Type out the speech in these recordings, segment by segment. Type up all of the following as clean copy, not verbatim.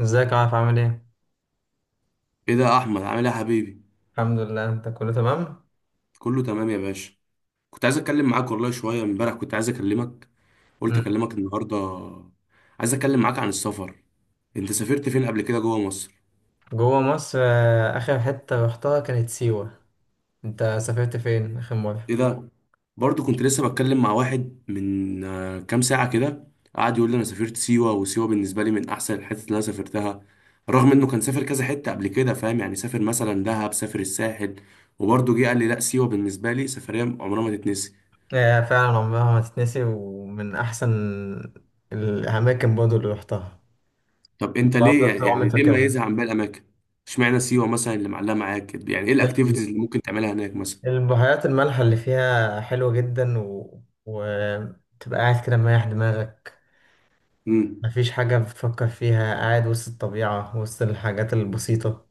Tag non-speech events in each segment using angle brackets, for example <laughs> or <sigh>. ازيك يا عارف، عامل ايه؟ ايه ده يا احمد، عامل ايه يا حبيبي؟ الحمد لله، انت كله تمام؟ كله تمام يا باشا. كنت عايز اتكلم معاك والله شويه، امبارح كنت عايز اكلمك، قلت مم. اكلمك النهارده. عايز اتكلم معاك عن السفر. انت سافرت فين قبل كده جوه مصر؟ جوه مصر، اخر حتة رحتها كانت سيوة. انت سافرت فين اخر مرة؟ ايه ده، برضو كنت لسه بتكلم مع واحد من كام ساعه كده، قعد يقول لي انا سافرت سيوه، وسيوه بالنسبه لي من احسن الحتت اللي انا سافرتها، رغم انه كان سافر كذا حته قبل كده، فاهم؟ يعني سافر مثلا دهب، سافر الساحل، وبرضه جه قال لي لا سيوه بالنسبه لي سفريه عمرها ما تتنسي. فعلا عمرها ما تتنسي، ومن احسن الاماكن برضه اللي رحتها، طب انت ليه وافضل يعني طول عمري يعني ليه فاكرها. مميزها عن باقي الاماكن؟ اشمعنى سيوه مثلا اللي معلقه معاك كده؟ يعني ايه الاكتيفيتيز اللي ممكن تعملها هناك مثلا؟ البحيرات المالحة اللي فيها حلوة جدا وتبقى قاعد كده مريح دماغك. امم. مفيش حاجة بتفكر فيها، قاعد وسط الطبيعة، وسط الحاجات البسيطة.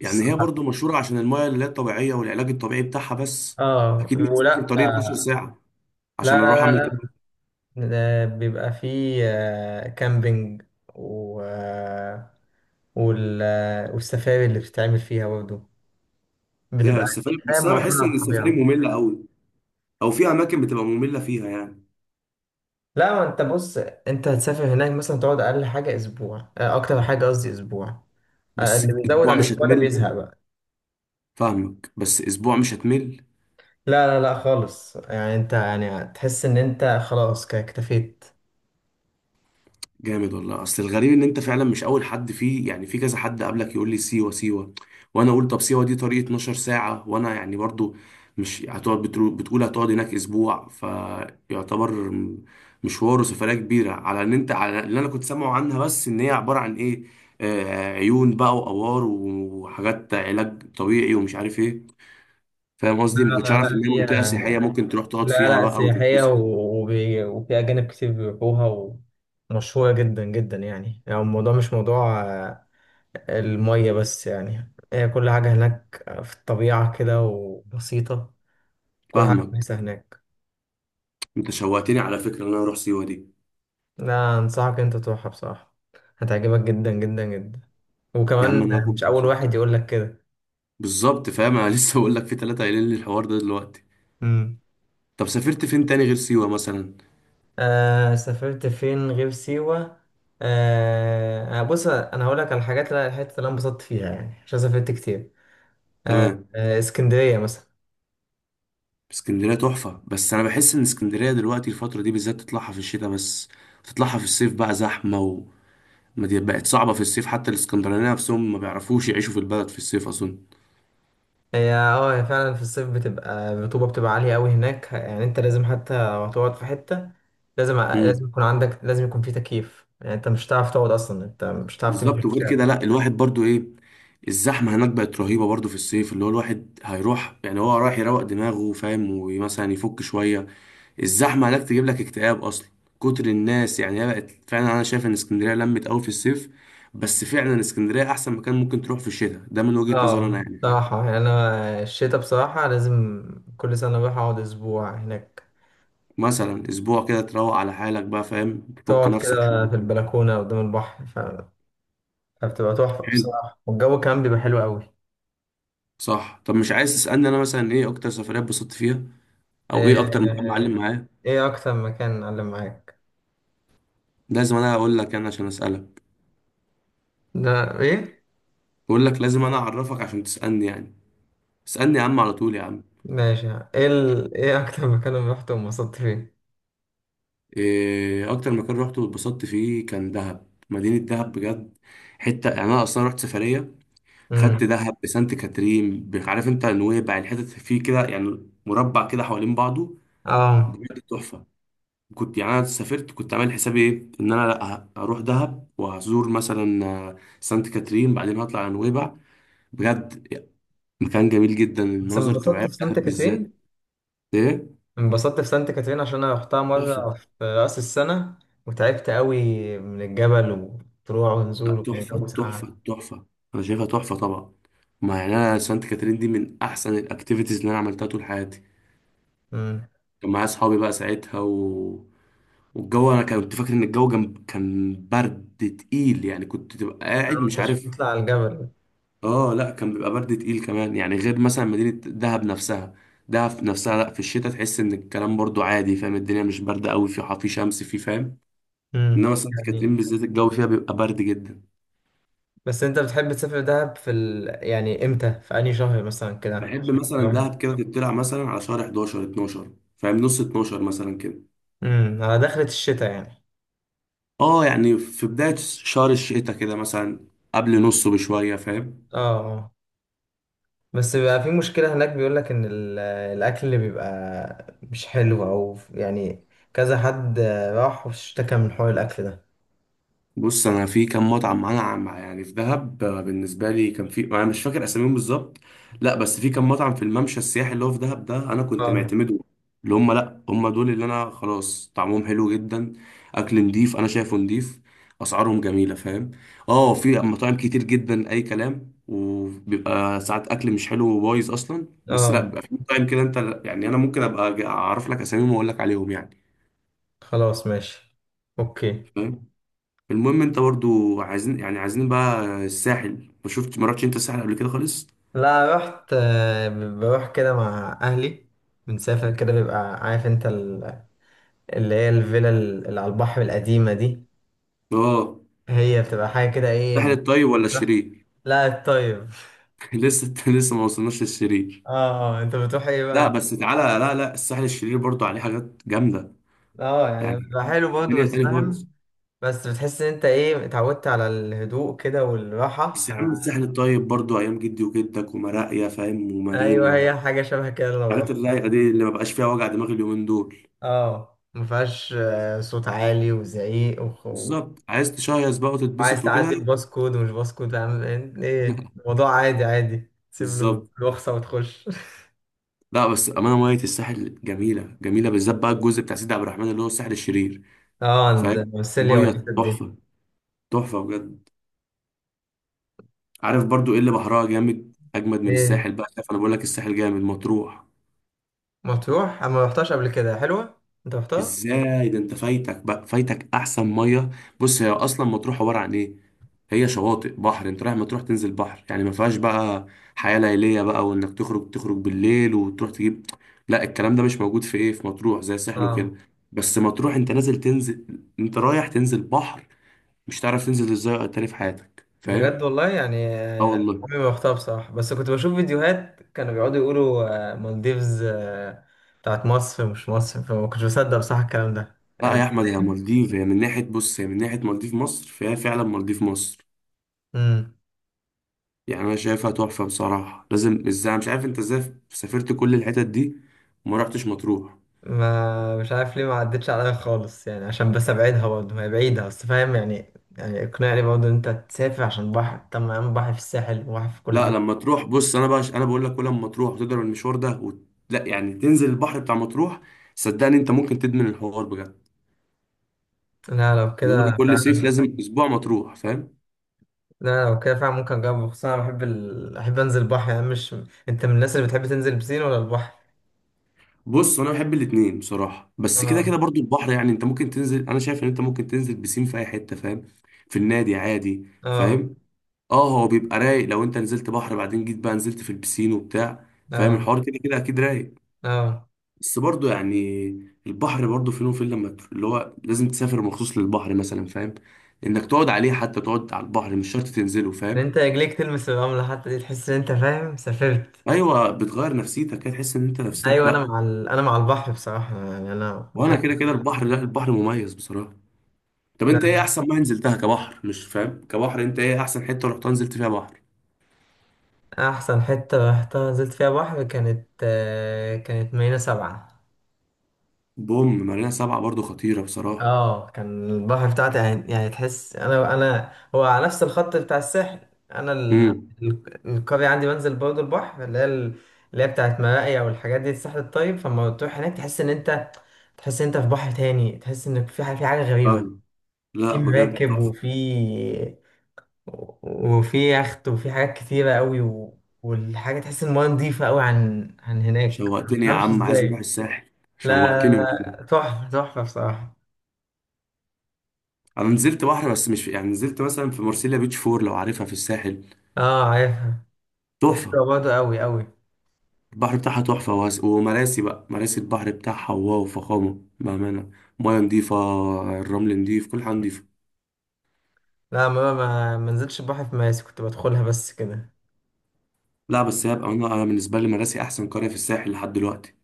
يعني الصحة. هي برضو مشهوره عشان المايه اللي هي الطبيعيه والعلاج الطبيعي بتاعها بس؟ اه اكيد مش هسافر ولا. طريق 12 ساعه لا عشان اروح لا لا اعمل لا. كده. ده بيبقى فيه كامبينج، و... آه، وال... آه، والسفاري اللي بتتعمل فيها برضه، لا بتبقى السفاري حياة بس، انا معتمدة بحس على ان السفاري الطبيعة. ممله قوي، او في اماكن بتبقى ممله فيها يعني. لا، ما انت بص، انت هتسافر هناك مثلا، تقعد اقل حاجة اسبوع، اكتر حاجة قصدي اسبوع. بس اللي بيزود اسبوع عن مش الاسبوع ده هتمل. بيزهق بقى. فاهمك، بس اسبوع مش هتمل. لا لا لا خالص، يعني انت يعني تحس ان انت خلاص كده اكتفيت. جامد والله، اصل الغريب ان انت فعلا مش اول حد فيه، يعني في كذا حد قبلك يقول لي سيوه سيوه، وانا اقول طب سيوه دي طريق 12 ساعه، وانا يعني برضو مش هتقعد بتقول هتقعد هناك اسبوع، فيعتبر مشوار وسفريه كبيره، على ان انت على اللي انا كنت سامعه عنها، بس ان هي عباره عن ايه، آه عيون بقى وآوار وحاجات علاج طبيعي ومش عارف ايه. فاهم لا قصدي؟ ما كنتش لا عارف لا، ان هي هي منطقه سياحيه ممكن تروح تقعد لا فيها لا، بقى سياحية وتتبسط. وفي أجانب كتير بيروحوها. ومشهورة جدا جدا، يعني الموضوع مش موضوع المية بس، يعني هي كل حاجة هناك في الطبيعة كده وبسيطة، كل حاجة فاهمك. كويسة هناك. انت شوقتني على فكره ان انا اروح سيوه دي. لا، أنصحك أنت تروحها بصراحة، هتعجبك جدا جدا جدا، يا عم وكمان انا هاخد. مش أول واحد يقولك كده. بالظبط فاهم، انا لسه بقول لك في ثلاثه قايلين لي الحوار ده دلوقتي. مم. طب سافرت فين تاني غير سيوه مثلا؟ سافرت فين غير سيوة. بص أنا هقولك على الحاجات اللي الحتة اللي أنا انبسطت فيها، يعني عشان سافرت كتير. آه، تمام. اسكندرية مثلا. اسكندريه تحفه، بس انا بحس ان اسكندريه دلوقتي الفتره دي بالذات تطلعها في الشتاء بس، تطلعها في الصيف بقى زحمه. وما دي بقت صعبه في الصيف، حتى الاسكندرانيه نفسهم ما بيعرفوش يعيشوا في البلد في الصيف اظن. هي فعلا في الصيف بتبقى الرطوبة بتبقى عالية قوي هناك، يعني انت لازم حتى لو هتقعد في حتة لازم امم. يكون عندك، لازم يكون في تكييف، يعني انت مش هتعرف تقعد اصلا، انت مش هتعرف تمشي بالظبط، في وغير كده الشارع. لا الواحد برضو ايه، الزحمه هناك بقت رهيبه برضو في الصيف، اللي هو الواحد هيروح يعني هو رايح يروق دماغه فاهم، ومثلا يفك شويه، الزحمه هناك تجيب لك اكتئاب اصلا، كتر الناس، يعني هي بقت فعلا، انا شايف ان اسكندريه لمت قوي في الصيف، بس فعلا اسكندريه احسن مكان ممكن تروح في الشتاء ده من وجهه نظري انا اه يعني، فاهم؟ بصراحة، يعني انا الشتاء بصراحة لازم كل سنة اروح اقعد اسبوع هناك. مثلا اسبوع كده تروق على حالك بقى، فاهم؟ تفك تقعد نفسك كده في شويه. البلكونة قدام البحر، فبتبقى تحفة حلو. بصراحة، والجو كمان بيبقى حلو قوي. صح، طب مش عايز تسالني انا مثلا ايه اكتر سفريه اتبسطت فيها، او ايه آه، اكتر مكان معلم آه، معايا؟ ايه اكتر مكان علم معاك؟ لازم انا اقول لك، انا عشان اسالك. ده ايه؟ بقول لك لازم انا اعرفك عشان تسالني يعني. اسالني يا عم على طول، يا عم. ماشي. ايه ايه اكتر مكان رحت وانبسطت فيه؟ اكتر مكان روحته واتبسطت فيه كان دهب، مدينة دهب بجد، حتة يعني، انا اصلا رحت سفرية، خدت امم. دهب بسانت كاترين عارف انت نويبع، الحتت فيه كده، يعني مربع كده حوالين بعضه. اه بجد تحفة. كنت يعني انا سافرت، كنت عامل حسابي ايه ان انا لا هروح دهب وهزور مثلا سانت كاترين، بعدين هطلع على نويبع. بجد يعني، مكان جميل جدا، بس المناظر الطبيعية انبسطت في في سانت دهب بالذات. كاترين، ايه؟ انبسطت في سانت كاترين عشان انا رحتها تحفة. مره في راس السنه، وتعبت قوي من الجبل، وطلوع ونزول، لا وكان الجو تحفة ساقع. تحفة تحفة. أنا شايفها تحفة طبعا، ما يعني أنا سانت كاترين دي من أحسن الأكتيفيتيز اللي أنا عملتها طول حياتي. امم. كان معايا أصحابي بقى ساعتها و... والجو، أنا كنت فاكر إن الجو جنب كان برد تقيل، يعني كنت تبقى قاعد انت مش عشان عارف. تطلع على الجبل. آه لا، كان بيبقى برد تقيل كمان يعني، غير مثلا مدينة دهب نفسها، دهب نفسها لا، في الشتاء تحس إن الكلام برضو عادي، فاهم؟ الدنيا مش باردة أوي، في شمس في، فاهم. امم. إنما سانت يعني، كاترين بالذات الجو فيها بيبقى برد جدا. بس انت بتحب تسافر دهب في يعني امتى، في انهي شهر مثلا كده؟ بحب مثلا دهب كده تطلع مثلا على شهر 11 12. فاهم؟ نص 12 مثلا كده. امم، على دخلة الشتاء يعني. اه، يعني في بداية شهر الشتاء كده مثلا، قبل نصه بشوية، فاهم. اه بس بيبقى في مشكلة هناك، بيقولك إن الأكل اللي بيبقى مش حلو، أو يعني كذا حد راح واشتكى من حوار الأكل ده. بص انا في كام مطعم معانا يعني في دهب بالنسبه لي كان في، انا مش فاكر اساميهم بالظبط، لا بس في كام مطعم في الممشى السياحي اللي هو في دهب ده انا كنت اه معتمده، اللي هم لا هم دول اللي انا خلاص طعمهم حلو جدا، اكل نضيف انا شايفه نضيف، اسعارهم جميله، فاهم. اه في مطاعم كتير جدا اي كلام، وبيبقى ساعات اكل مش حلو وبايظ اصلا، بس لا اه، بيبقى في مطاعم كده انت يعني، انا ممكن ابقى اعرف لك اساميهم واقول لك عليهم يعني. خلاص ماشي، أوكي. فاهم. المهم، انت برضو عايزين يعني عايزين بقى الساحل، ما شفت ما رحتش انت الساحل قبل كده خالص؟ لا رحت، بروح كده مع أهلي، بنسافر كده، بيبقى عارف أنت اللي هي الفيلا اللي على البحر القديمة دي، اه. هي بتبقى حاجة كده، إيه الساحل الطيب ولا الشرير؟ لا الطيب. <laughs> لسه لسه ما وصلناش للشرير. اه. أنت بتروح إيه لا بقى؟ بس تعالى، لا لا الساحل الشرير برضو عليه حاجات جامدة، اه يعني يعني بيبقى حلو برضه، الدنيا بس تاني خالص. فاهم. بس بتحس ان انت ايه، اتعودت على الهدوء كده والراحة، بس يا عم الساحل الطيب برضو ايام جدي وجدك ومراقيا، فاهم، ايوه ومارينا هي حاجة شبه كده والحاجات للراحة. اللايقة دي اللي ما بقاش فيها وجع دماغ اليومين دول. اه مفيهاش صوت عالي وزعيق بالظبط، عايز تشيص بقى وعايز وتتبسط وكده. تعدي الباس كود، ومش باس كود عامل ايه <laughs> الموضوع، عادي عادي، تسيب له بالظبط. الرخصة وتخش <laughs> لا بس امانه، ميه الساحل جميله جميله بالذات بقى الجزء بتاع سيدي عبد الرحمن اللي هو الساحل الشرير، اه عند فاهم. السيليا ميه والحتت دي. تحفه، تحفه بجد. عارف برضو ايه اللي بحرها جامد اجمد من ايه. الساحل بقى؟ شايف انا بقول لك الساحل جامد، مطروح. مطروح انا ما رحتهاش قبل كده، حلوة؟ انت رحتها؟ ازاي ده انت فايتك بقى، فايتك احسن ميه. بص هي اصلا مطروح عباره عن ايه، هي شواطئ بحر، انت رايح مطروح تنزل بحر، يعني ما فيهاش بقى حياه ليليه بقى، وانك تخرج تخرج بالليل وتروح تجيب، لا الكلام ده مش موجود في ايه في مطروح زي الساحل وكده. اه بس مطروح انت نازل تنزل، انت رايح تنزل بحر، مش تعرف تنزل ازاي تاني في حياتك، بجد فاهم. والله يعني، اه عمري والله. ما رحتها بصراحة، بس كنت بشوف فيديوهات كانوا بيقعدوا يقولوا مالديفز بتاعت مصر، مش مصر، فما كنتش بصدق بصراحة الكلام ده لا يا يعني. احمد، هي مالديف، هي من ناحيه، بص هي من ناحيه مالديف مصر، فهي فعلا مالديف مصر. امم. يعني انا شايفها تحفه بصراحه، لازم، ازاي مش عارف انت ازاي سافرت كل الحتت دي وما رحتش مطروح. ما مش عارف ليه، ما عدتش عليا خالص، يعني عشان بس ابعدها برضه، ما هي بعيدة بس، فاهم، يعني اقنعني برضه ان انت تسافر عشان بحر، طب ما يا عم بحر في الساحل وبحر في كل لا حتة. لما تروح، بص انا بقى انا بقول لك، كل ما تروح وتضرب المشوار ده لا يعني تنزل البحر بتاع مطروح، صدقني انت ممكن تدمن الحوار بجد. لا لو اللي هو أنا كده كل صيف فعلا، لازم اسبوع مطروح، فاهم. لا لو كده فعلا ممكن اجرب، خصوصا انا بحب احب انزل بحر، يعني مش، انت من الناس اللي بتحب تنزل بسين ولا البحر؟ بص انا بحب الاتنين بصراحه، بس كده اه كده برضو البحر، يعني انت ممكن تنزل، انا شايف ان انت ممكن تنزل بسين في اي حته، فاهم. في النادي عادي، اه فاهم. اه، هو بيبقى رايق لو انت نزلت بحر بعدين جيت بقى نزلت في البسين وبتاع، فاهم اه الحوار كده كده اكيد رايق. اه. بس برضو يعني البحر برضو فين وفين، لما تروح- اللي هو لازم تسافر مخصوص للبحر مثلا، فاهم، انك تقعد عليه، حتى تقعد على البحر مش شرط تنزله، ان فاهم. انت رجليك تلمس الرملة حتى دي، تحس ان انت فاهم سافرت. ايوه، بتغير نفسيتك كده تحس ان انت نفسيتك ايوه، لا. انا مع البحر بصراحة، يعني انا وانا بحب. كده كده البحر، لا البحر مميز بصراحة. طب انت لا، ايه احسن ما نزلتها كبحر، مش فاهم كبحر، انت ايه احسن حتة رحت نزلت فيها بحر؟ احسن حتة رحتها نزلت فيها بحر كانت، كانت مارينا سبعة. بوم، مارينا 7 برضو خطيرة بصراحة. اه كان البحر بتاعتي يعني، تحس انا هو على نفس الخط بتاع الساحل. انا ال... امم. ال- القرية عندي بنزل برضه البحر، اللي هي بتاعت مراقيا والحاجات دي الساحل الطيب، فلما تروح هناك تحس ان انت، تحس ان انت في بحر تاني، تحس ان في حاجة، غريبة. فاهم. لا في بجد، مراكب، وفي يخت، وفي حاجات كتيرة قوي، والحاجة تحس المايه نضيفة قوي، عن هناك ما شوقتني يا تفهمش عم، عايز اروح ازاي. الساحل. لا شوقتني لا، والله. لا، تحفة تحفة بصراحة. انا نزلت بحر بس مش في... يعني نزلت مثلا في مرسيليا بيتش فور لو عارفها في الساحل. اه عارفها. تحفه. حلوة برضه قوي قوي. البحر بتاعها تحفه ومراسي بقى، مراسي البحر بتاعها واو، فخامه بامانه، ميه نضيفه، الرمل نضيف، كل حاجه نضيفه. لا، ما نزلتش البحر في مراسي، كنت بدخلها بس كده. لا بس هي بقى انا بالنسبه لي مراسي احسن قريه في الساحل لحد دلوقتي.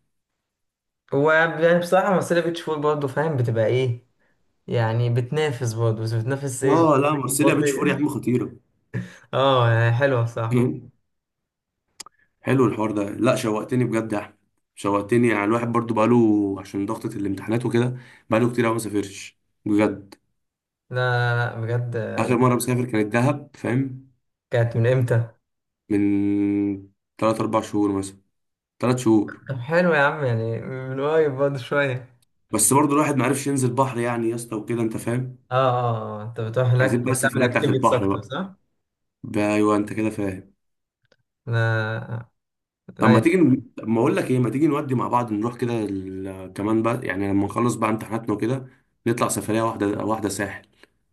هو يعني بصراحة مرسيليا بيتش فول برضه فاهم، بتبقى ايه، يعني بتنافس برضه، بس بتنافس ايه اه لا، <laughs> مرسيليا بيتش فور يا بطيء. عم خطيره. اه يعني حلوة صح. <laughs> حلو الحوار ده، لا شوقتني بجد يا احمد، شوقتني، يعني الواحد برضو بقاله عشان ضغطة الامتحانات وكده، بقاله كتير قوي ما سافرش، بجد. لا لا لا بجد. آخر مرة مسافر كانت دهب، فاهم؟ كانت من امتى؟ من 3 أو 4 شهور مثلا، 3 شهور. طب حلو يا عم، يعني من قريب برضه شوية. بس برضه الواحد معرفش ينزل بحر يعني يا اسطى وكده أنت فاهم. اه اه، انت بتروح هناك عايزين بقى بتعمل السفرية بتاعت اكتيفيتيز البحر اكتر بقى، صح؟ ده أيوه أنت كده فاهم. لا طب ما لا. تيجي طب ما أقول لك إيه، ما تيجي نودي مع بعض، نروح كده كمان بقى يعني لما نخلص بقى امتحاناتنا وكده، نطلع سفرية واحدة واحدة، ساحل،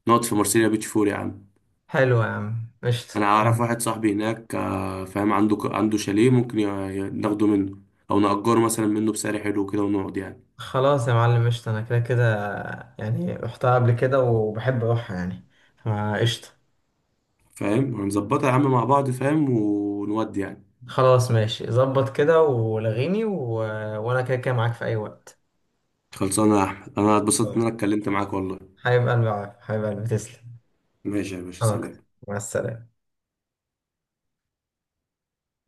نقعد في مرسيليا بيتش فور يا عم. حلو يا عم قشطة. أنا أعرف واحد صاحبي هناك فاهم، عنده عنده شاليه ممكن ناخده منه، أو نأجره مثلا منه بسعر حلو كده ونقعد يعني. خلاص يا معلم قشطة، انا كده كده يعني رحتها قبل كده وبحب اروحها يعني، فقشطة. فاهم هنظبطها يا عم مع بعض، فاهم، ونودي يعني. خلاص ماشي، ظبط كده ولغيني، وانا كده كده معاك في اي وقت. خلصانه يا احمد، انا اتبسطت ان آه. انا اتكلمت معاك والله. حبيب قلبي يا عارف، حبيب قلبي تسلم. ماشي يا باشا، انا اكتر، سلام. مع السلامة.